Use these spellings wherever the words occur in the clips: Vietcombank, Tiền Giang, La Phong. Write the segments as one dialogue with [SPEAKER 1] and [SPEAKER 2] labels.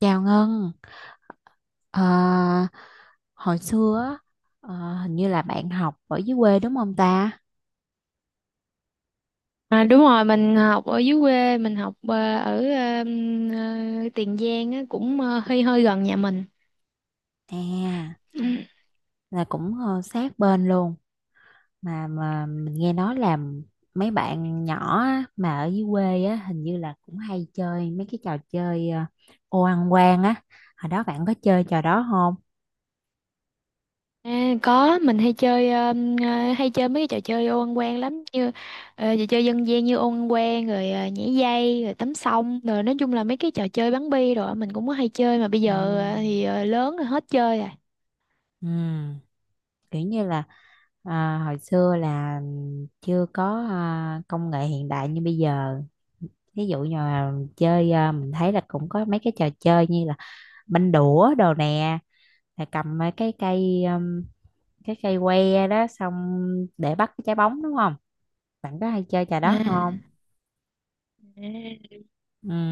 [SPEAKER 1] Chào Ngân. Ờ, Hồi xưa á, hình như là bạn học ở dưới quê đúng không ta?
[SPEAKER 2] À, đúng rồi, mình học ở dưới quê, mình học ở Tiền Giang á, cũng hơi hơi gần nhà mình.
[SPEAKER 1] À,
[SPEAKER 2] Ừ.
[SPEAKER 1] là cũng sát bên luôn. Mà mình nghe nói là mấy bạn nhỏ á, mà ở dưới quê á hình như là cũng hay chơi mấy cái trò chơi ô ăn quan á. Hồi đó bạn có chơi trò đó không?
[SPEAKER 2] À, có, mình hay chơi mấy cái trò chơi ô ăn quan lắm, như trò chơi dân gian như ô ăn quan, rồi nhảy dây, rồi tắm sông, rồi nói chung là mấy cái trò chơi bắn bi rồi mình cũng có hay chơi, mà bây
[SPEAKER 1] À.
[SPEAKER 2] giờ thì lớn rồi hết chơi rồi.
[SPEAKER 1] Ừ, kiểu như là à, hồi xưa là chưa có à, công nghệ hiện đại như bây giờ, ví dụ như là chơi, mình thấy là cũng có mấy cái trò chơi như là banh đũa đồ nè, là cầm mấy cái cây que đó, xong để bắt cái trái bóng đúng không? Bạn có hay chơi trò
[SPEAKER 2] à,
[SPEAKER 1] đó không?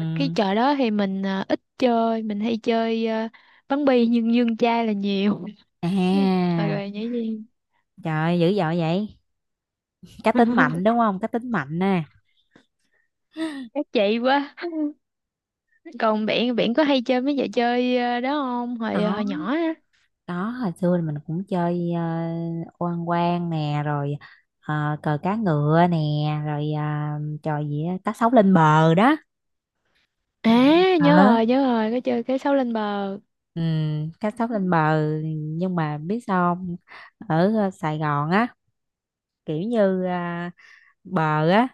[SPEAKER 2] à, cái trò đó thì mình ít chơi, mình hay chơi bắn bi nhưng dương chai là nhiều. Ừ,
[SPEAKER 1] à,
[SPEAKER 2] rồi nhảy dây.
[SPEAKER 1] trời ơi, dữ dội vậy. Cá tính mạnh đúng không, cá tính mạnh nè.
[SPEAKER 2] Các chị quá. Còn biển biển có hay chơi mấy trò chơi đó không? Hồi hồi
[SPEAKER 1] đó
[SPEAKER 2] nhỏ á.
[SPEAKER 1] đó hồi xưa thì mình cũng chơi oan quan nè, rồi cờ cá ngựa nè, rồi trò gì á, cá sấu lên bờ đó.
[SPEAKER 2] À,
[SPEAKER 1] Ờ.
[SPEAKER 2] nhớ rồi, có chơi cái sấu lên bờ.
[SPEAKER 1] Ừ, cá sấu lên bờ, nhưng mà biết sao không? Ở Sài Gòn á, kiểu như à, bờ á,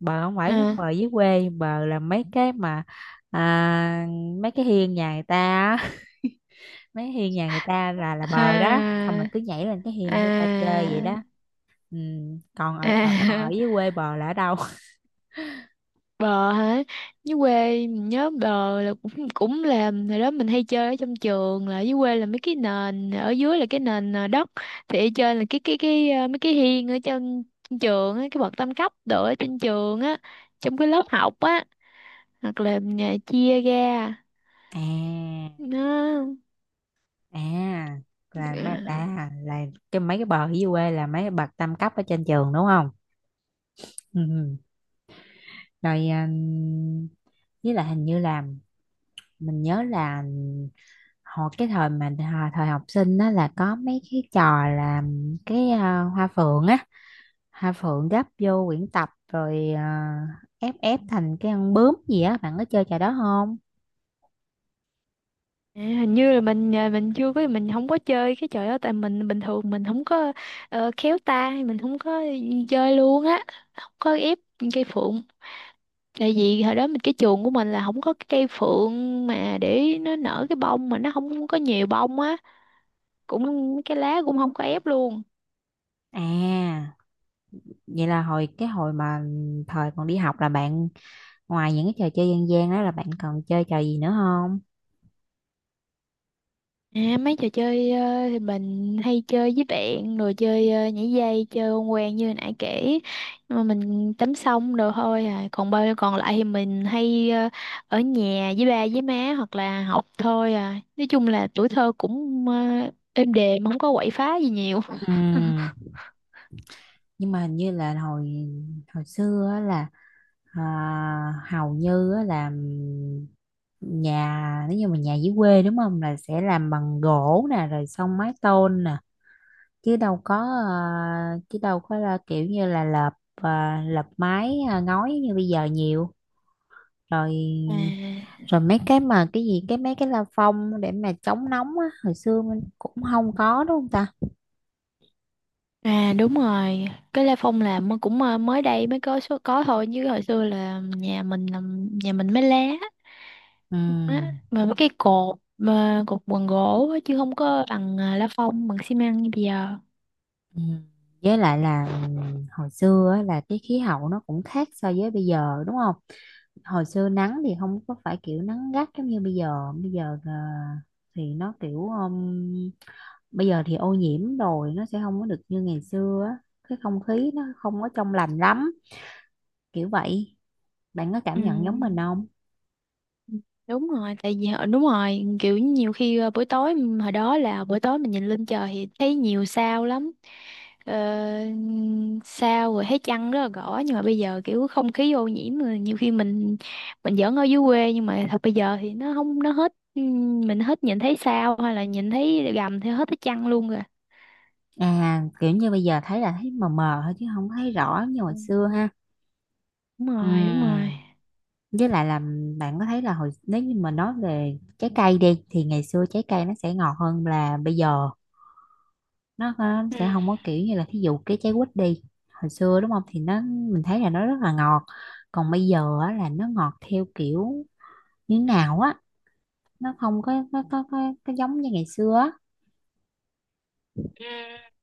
[SPEAKER 1] bờ không phải giống
[SPEAKER 2] À,
[SPEAKER 1] bờ dưới quê. Bờ là mấy cái mà à, mấy cái hiên nhà người ta á. Mấy hiên nhà người ta là bờ đó, xong
[SPEAKER 2] à,
[SPEAKER 1] là cứ nhảy lên cái hiên của người ta chơi vậy
[SPEAKER 2] à,
[SPEAKER 1] đó. Ừ. Còn ở
[SPEAKER 2] à.
[SPEAKER 1] dưới quê bờ là ở đâu?
[SPEAKER 2] Bờ hả? Dưới quê mình nhớ bờ là cũng cũng là hồi đó mình hay chơi ở trong trường, là dưới quê là mấy cái nền ở dưới là cái nền đất, thì ở trên là mấy cái hiên ở trên, trên trường á, cái bậc tam cấp đồ ở trên trường á, trong cái lớp học á, hoặc là chia ra
[SPEAKER 1] À.
[SPEAKER 2] nó.
[SPEAKER 1] À, là mấy
[SPEAKER 2] à,
[SPEAKER 1] à, là cái mấy cái bờ ở dưới quê là mấy cái bậc tam cấp ở trên trường đúng không? Ừ, ừ. Rồi à, với lại hình như là mình nhớ là hồi cái thời mà thời học sinh á là có mấy cái trò là cái à, hoa phượng á, hoa phượng gấp vô quyển tập rồi à, ép ép thành cái con bướm gì á, bạn có chơi trò đó không?
[SPEAKER 2] Hình như là mình, mình chưa có mình không có chơi cái trò đó, tại mình bình thường mình không có khéo tay, mình không có chơi luôn á, không có ép cây phượng. Tại vì hồi đó cái chuồng của mình là không có cái cây phượng mà để nó nở cái bông, mà nó không có nhiều bông á, cũng cái lá cũng không có ép luôn.
[SPEAKER 1] À, vậy là hồi cái hồi mà thời còn đi học là bạn, ngoài những cái trò chơi dân gian đó, là bạn còn chơi trò gì nữa không?
[SPEAKER 2] À, mấy trò chơi thì mình hay chơi với bạn, rồi chơi nhảy dây, chơi con quen như hồi nãy kể, nhưng mà mình tắm xong rồi thôi à, còn còn lại thì mình hay ở nhà với ba với má hoặc là học thôi à, nói chung là tuổi thơ cũng êm đềm, không có quậy phá gì nhiều.
[SPEAKER 1] Ừ, nhưng mà hình như là hồi hồi xưa á là à, hầu như á là nhà, nếu như mà nhà dưới quê đúng không, là sẽ làm bằng gỗ nè rồi xong mái tôn nè, chứ đâu có à, chứ đâu có là kiểu như là lợp à, lợp mái à, ngói như bây giờ nhiều. Rồi.
[SPEAKER 2] à
[SPEAKER 1] Rồi mấy cái mà cái gì, cái mấy cái la phong để mà chống nóng á, hồi xưa mình cũng không có đúng không ta?
[SPEAKER 2] Đúng rồi, cái La Phong là cũng mới đây mới có số có thôi, chứ hồi xưa là nhà mình là, nhà mình mới lá
[SPEAKER 1] Ừ.
[SPEAKER 2] á, mà mấy cái cột, mà cột bằng gỗ á, chứ không có bằng lá phong bằng xi măng như bây giờ.
[SPEAKER 1] Ừ. Với lại là hồi xưa á, là cái khí hậu nó cũng khác so với bây giờ đúng không? Hồi xưa nắng thì không có phải kiểu nắng gắt giống như bây giờ. Bây giờ thì nó kiểu bây giờ thì ô nhiễm rồi nó sẽ không có được như ngày xưa á. Cái không khí nó không có trong lành lắm, kiểu vậy. Bạn có
[SPEAKER 2] Ừ,
[SPEAKER 1] cảm nhận giống mình không?
[SPEAKER 2] đúng rồi, tại vì đúng rồi, kiểu nhiều khi buổi tối, hồi đó là buổi tối mình nhìn lên trời thì thấy nhiều sao lắm, ờ, sao, rồi thấy trăng rất là rõ, nhưng mà bây giờ kiểu không khí ô nhiễm rồi, nhiều khi mình giỡn ở dưới quê nhưng mà thật bây giờ thì nó không, nó hết, ừ, mình hết nhìn thấy sao hay là nhìn thấy gầm thì hết thấy trăng luôn rồi.
[SPEAKER 1] À kiểu như bây giờ thấy là thấy mờ mờ thôi chứ không thấy rõ như
[SPEAKER 2] Ừ.
[SPEAKER 1] hồi xưa ha.
[SPEAKER 2] Đúng
[SPEAKER 1] Ừ.
[SPEAKER 2] rồi, đúng rồi.
[SPEAKER 1] Với lại là bạn có thấy là hồi, nếu như mà nói về trái cây đi, thì ngày xưa trái cây nó sẽ ngọt hơn là bây giờ. Nó
[SPEAKER 2] Ừ.
[SPEAKER 1] sẽ không có kiểu như là, thí dụ cái trái quýt đi, hồi xưa đúng không thì nó, mình thấy là nó rất là ngọt, còn bây giờ á, là nó ngọt theo kiểu như nào á, nó không có có giống như ngày xưa á.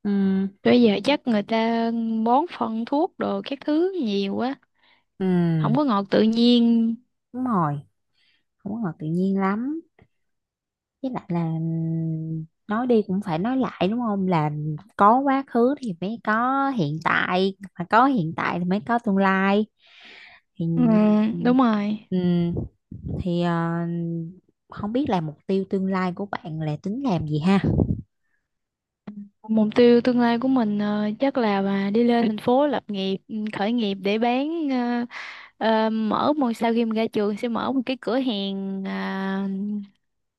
[SPEAKER 1] Ừ.
[SPEAKER 2] Bây giờ chắc người ta bón phân thuốc đồ các thứ nhiều quá, không có
[SPEAKER 1] Ừ,
[SPEAKER 2] ngọt tự nhiên.
[SPEAKER 1] đúng rồi, không có ngọt tự nhiên lắm. Với lại là nói đi cũng phải nói lại đúng không, là có quá khứ thì mới có hiện tại, mà có hiện tại thì mới có tương lai. Thì
[SPEAKER 2] Ừ, đúng rồi.
[SPEAKER 1] ừm, thì không biết là mục tiêu tương lai của bạn là tính làm gì ha?
[SPEAKER 2] Mục tiêu tương lai của mình chắc là mà đi lên thành phố lập nghiệp, khởi nghiệp để bán ờ, mở một sau khi mình ra trường sẽ mở một cái cửa hàng,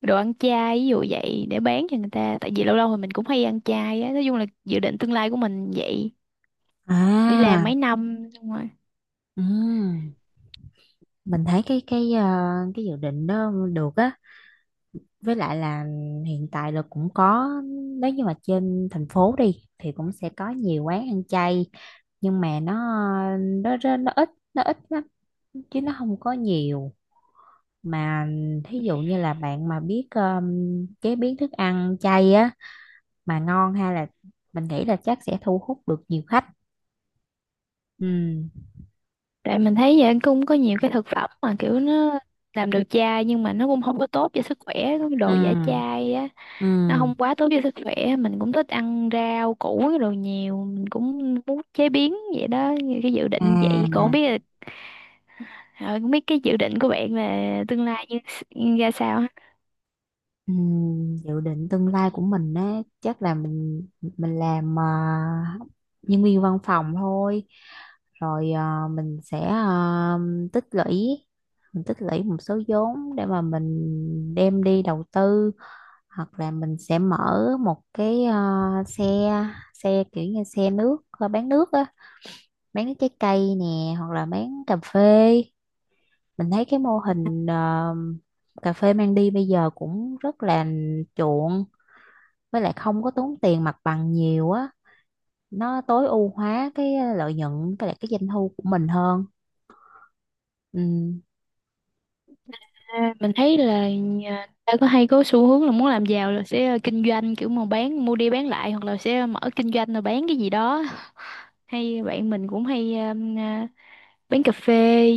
[SPEAKER 2] đồ ăn chay, ví dụ vậy, để bán cho người ta. Tại vì lâu lâu thì mình cũng hay ăn chay á, nói chung là dự định tương lai của mình vậy. Đi làm
[SPEAKER 1] À.
[SPEAKER 2] mấy năm xong rồi.
[SPEAKER 1] ừm, mình thấy cái cái dự định đó được á. Với lại là hiện tại là cũng có, nếu như mà trên thành phố đi thì cũng sẽ có nhiều quán ăn chay, nhưng mà nó ít, nó ít lắm, chứ nó không có nhiều. Mà thí dụ như là bạn mà biết chế biến thức ăn chay á, mà ngon, hay là mình nghĩ là chắc sẽ thu hút được nhiều khách. Ừ.
[SPEAKER 2] Tại mình thấy vậy cũng có nhiều cái thực phẩm mà kiểu nó làm được chai nhưng mà nó cũng không có tốt cho sức khỏe, cái
[SPEAKER 1] Ừ.
[SPEAKER 2] đồ giả chai á, nó
[SPEAKER 1] Ừ.
[SPEAKER 2] không quá tốt cho sức khỏe. Mình cũng thích ăn rau củ cái đồ nhiều, mình cũng muốn chế biến vậy đó như cái dự định vậy, còn không
[SPEAKER 1] À.
[SPEAKER 2] biết là ờ, không biết cái dự định của bạn là tương lai như ra sao ha?
[SPEAKER 1] Ừ, dự định tương lai của mình á chắc là mình làm à, nhân viên văn phòng thôi, rồi à, mình sẽ à, tích lũy, mình tích lũy một số vốn để mà mình đem đi đầu tư, hoặc là mình sẽ mở một cái à, xe xe kiểu như xe nước à, bán nước á, bán nước trái cây nè hoặc là bán cà phê. Mình thấy cái mô hình à, cà phê mang đi bây giờ cũng rất là chuộng, với lại không có tốn tiền mặt bằng nhiều á, nó tối ưu hóa cái lợi nhuận với lại cái doanh thu của mình hơn. Ừ.
[SPEAKER 2] À, mình thấy là ta có hay có xu hướng là muốn làm giàu là sẽ kinh doanh, kiểu mà bán mua đi bán lại, hoặc là sẽ mở kinh doanh rồi bán cái gì đó, hay bạn mình cũng hay quán cà phê,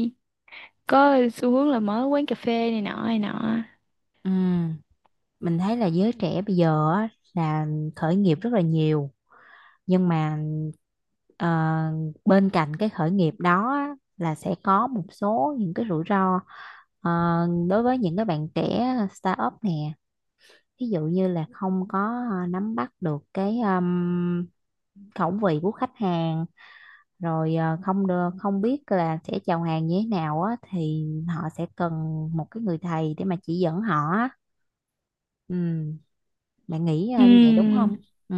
[SPEAKER 2] có xu hướng là mở quán cà phê này nọ này nọ.
[SPEAKER 1] Ừ. Mình thấy là giới trẻ bây giờ á, là khởi nghiệp rất là nhiều, nhưng mà ờ, bên cạnh cái khởi nghiệp đó á, là sẽ có một số những cái rủi ro, ờ, đối với những cái bạn trẻ startup nè, ví dụ như là không có nắm bắt được cái khẩu vị của khách hàng, rồi không được, không biết là sẽ chào hàng như thế nào á, thì họ sẽ cần một cái người thầy để mà chỉ dẫn họ á. Ừ, bạn nghĩ như vậy đúng
[SPEAKER 2] Ừm,
[SPEAKER 1] không? Ừ.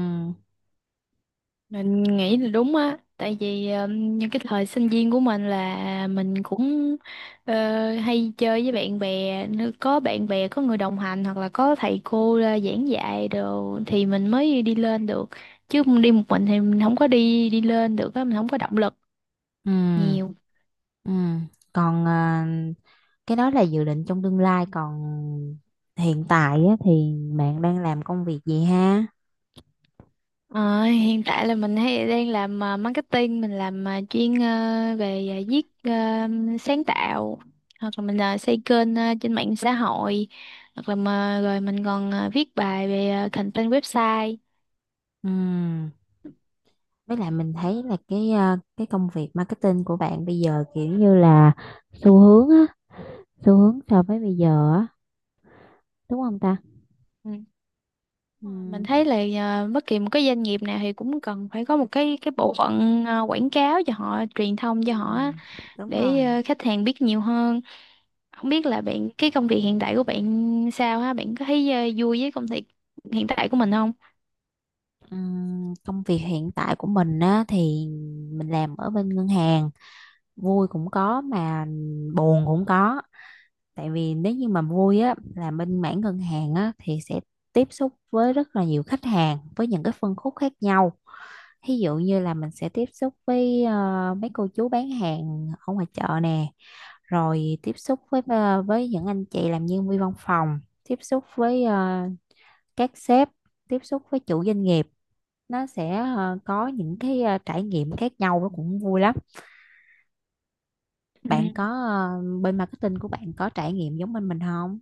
[SPEAKER 2] mình nghĩ là đúng á, tại vì những cái thời sinh viên của mình là mình cũng ờ, hay chơi với bạn bè, nếu có bạn bè, có người đồng hành hoặc là có thầy cô ra giảng dạy đồ thì mình mới đi lên được, chứ đi một mình thì mình không có đi đi lên được á, mình không có động lực
[SPEAKER 1] Ừ.
[SPEAKER 2] nhiều.
[SPEAKER 1] Ừ. Còn cái đó là dự định trong tương lai, còn hiện tại á, thì bạn đang làm công việc gì ha?
[SPEAKER 2] Ờ, Hiện tại là mình hay đang làm marketing, mình làm, chuyên về, viết, sáng tạo, hoặc là mình xây kênh trên mạng xã hội, hoặc là rồi mình còn viết bài về content website.
[SPEAKER 1] Ừ, với lại mình thấy là cái cái công việc marketing của bạn bây giờ kiểu như là xu hướng á, xu hướng so với bây giờ á, đúng không ta?
[SPEAKER 2] Ừ.
[SPEAKER 1] Ừ.
[SPEAKER 2] Mình thấy là, bất kỳ một cái doanh nghiệp nào thì cũng cần phải có một cái bộ phận quảng cáo cho họ, truyền thông
[SPEAKER 1] Ừ,
[SPEAKER 2] cho họ á,
[SPEAKER 1] đúng rồi.
[SPEAKER 2] để khách hàng biết nhiều hơn. Không biết là bạn, cái công việc hiện tại của bạn sao ha, bạn có thấy vui với công việc hiện tại của mình không?
[SPEAKER 1] Công việc hiện tại của mình á, thì mình làm ở bên ngân hàng, vui cũng có mà buồn cũng có. Tại vì nếu như mà vui á, là bên mảng ngân hàng á, thì sẽ tiếp xúc với rất là nhiều khách hàng với những cái phân khúc khác nhau. Ví dụ như là mình sẽ tiếp xúc với mấy cô chú bán hàng ở ngoài chợ nè, rồi tiếp xúc với với những anh chị làm nhân viên văn phòng, tiếp xúc với các sếp, tiếp xúc với chủ doanh nghiệp. Nó sẽ có những cái trải nghiệm khác nhau, nó cũng vui lắm. Bạn có
[SPEAKER 2] Ừ.
[SPEAKER 1] bên marketing của bạn có trải nghiệm giống bên mình không?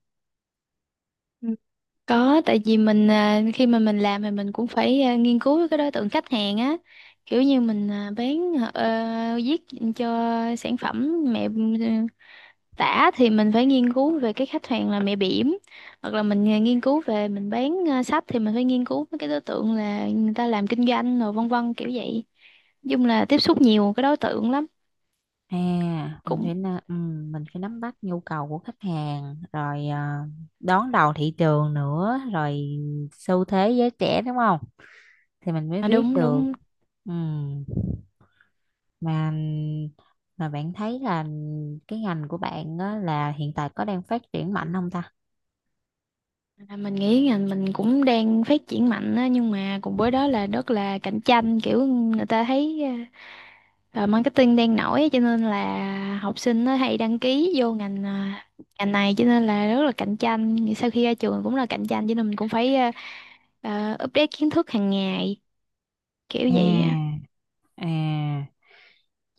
[SPEAKER 2] Ừ. Có, tại vì khi mà mình làm thì mình cũng phải nghiên cứu cái đối tượng khách hàng á, kiểu như mình bán viết cho sản phẩm mẹ tả thì mình phải nghiên cứu về cái khách hàng là mẹ bỉm, hoặc là mình nghiên cứu về mình bán sách thì mình phải nghiên cứu với cái đối tượng là người ta làm kinh doanh, rồi vân vân kiểu vậy. Nói chung là tiếp xúc nhiều cái đối tượng lắm,
[SPEAKER 1] À mình
[SPEAKER 2] cũng,
[SPEAKER 1] phải na- ừ, mình phải nắm bắt nhu cầu của khách hàng, rồi đón đầu thị trường nữa, rồi xu thế giới trẻ đúng không, thì mình mới viết
[SPEAKER 2] đúng
[SPEAKER 1] được.
[SPEAKER 2] đúng.
[SPEAKER 1] Ừ. mà mà bạn thấy là cái ngành của bạn á, là hiện tại có đang phát triển mạnh không ta?
[SPEAKER 2] Là mình nghĩ ngành mình cũng đang phát triển mạnh á, nhưng mà cùng với đó là rất là cạnh tranh, kiểu người ta thấy marketing đang nổi á, cho nên là học sinh nó hay đăng ký vô ngành này, cho nên là rất là cạnh tranh, sau khi ra trường cũng là cạnh tranh, cho nên mình cũng phải update kiến thức hàng ngày, kiểu
[SPEAKER 1] À.
[SPEAKER 2] vậy á.
[SPEAKER 1] À,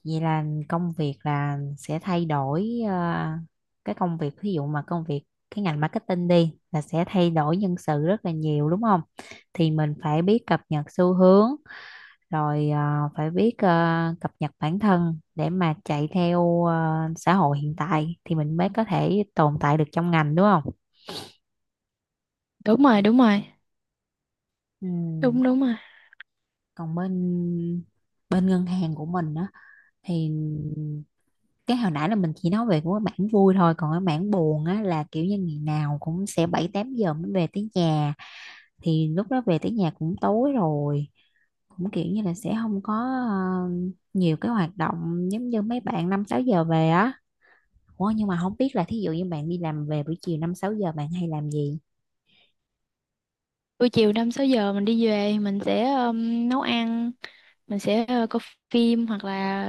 [SPEAKER 1] vậy là công việc là sẽ thay đổi cái công việc, ví dụ mà công việc cái ngành marketing đi, là sẽ thay đổi nhân sự rất là nhiều đúng không? Thì mình phải biết cập nhật xu hướng, rồi phải biết cập nhật bản thân để mà chạy theo xã hội hiện tại, thì mình mới có thể tồn tại được trong ngành đúng không?
[SPEAKER 2] Đúng rồi, đúng rồi.
[SPEAKER 1] Ừ.
[SPEAKER 2] Đúng, đúng rồi.
[SPEAKER 1] Còn bên bên ngân hàng của mình á, thì cái hồi nãy là mình chỉ nói về của cái mảng vui thôi, còn cái mảng buồn á là kiểu như ngày nào cũng sẽ bảy tám giờ mới về tới nhà, thì lúc đó về tới nhà cũng tối rồi, cũng kiểu như là sẽ không có ờ, nhiều cái hoạt động giống như mấy bạn năm sáu giờ về á. Ủa nhưng mà không biết là thí dụ như bạn đi làm về buổi chiều năm sáu giờ bạn hay làm gì?
[SPEAKER 2] Buổi chiều 5, 6 giờ mình đi về, mình sẽ nấu ăn, mình sẽ coi phim, hoặc là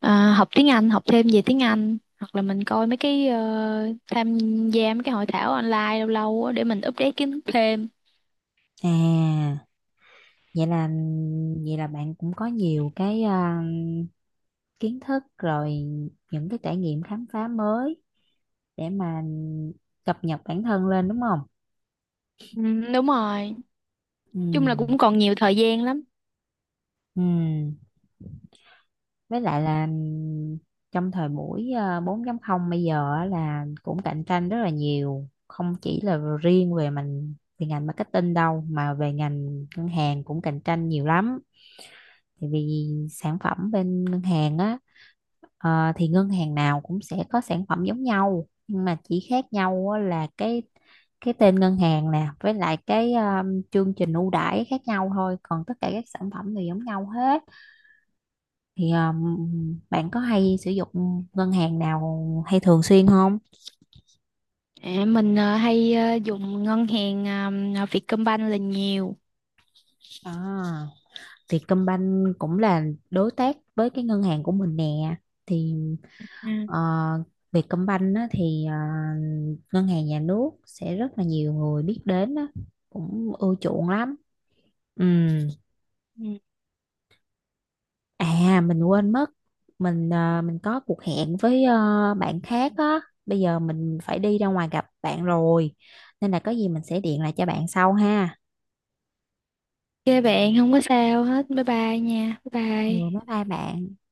[SPEAKER 2] ờ, học tiếng Anh, học thêm về tiếng Anh, hoặc là mình coi mấy cái, tham gia mấy cái hội thảo online lâu lâu á để mình update kiến thức thêm.
[SPEAKER 1] À, vậy là vậy là bạn cũng có nhiều cái kiến thức rồi, những cái trải nghiệm khám phá mới để mà cập nhật bản thân lên đúng không?
[SPEAKER 2] Ừ, đúng rồi. Chung
[SPEAKER 1] Ừ.
[SPEAKER 2] là cũng còn nhiều thời gian lắm.
[SPEAKER 1] Ừ. Với lại là trong thời buổi ờ, 4.0 bây giờ á là cũng cạnh tranh rất là nhiều, không chỉ là riêng về mình về ngành marketing đâu mà về ngành ngân hàng cũng cạnh tranh nhiều lắm. Tại vì sản phẩm bên ngân hàng á, thì ngân hàng nào cũng sẽ có sản phẩm giống nhau, nhưng mà chỉ khác nhau á là cái tên ngân hàng nè với lại cái chương trình ưu đãi khác nhau thôi, còn tất cả các sản phẩm đều giống nhau hết. Thì bạn có hay sử dụng ngân hàng nào hay thường xuyên không?
[SPEAKER 2] À, mình hay dùng ngân hàng Vietcombank là nhiều.
[SPEAKER 1] À, Vietcombank cũng là đối tác với cái ngân hàng của mình nè, thì
[SPEAKER 2] Ừ.
[SPEAKER 1] Ờ, Vietcombank á, thì ngân hàng nhà nước sẽ rất là nhiều người biết đến á, cũng ưa chuộng lắm. Ừ.
[SPEAKER 2] Ừ.
[SPEAKER 1] À mình quên mất, mình mình có cuộc hẹn với bạn khác á, bây giờ mình phải đi ra ngoài gặp bạn rồi, nên là có gì mình sẽ điện lại cho bạn sau ha.
[SPEAKER 2] OK bạn, không có sao hết. Bye bye nha. Bye
[SPEAKER 1] Ừ bye
[SPEAKER 2] bye.
[SPEAKER 1] bye bạn.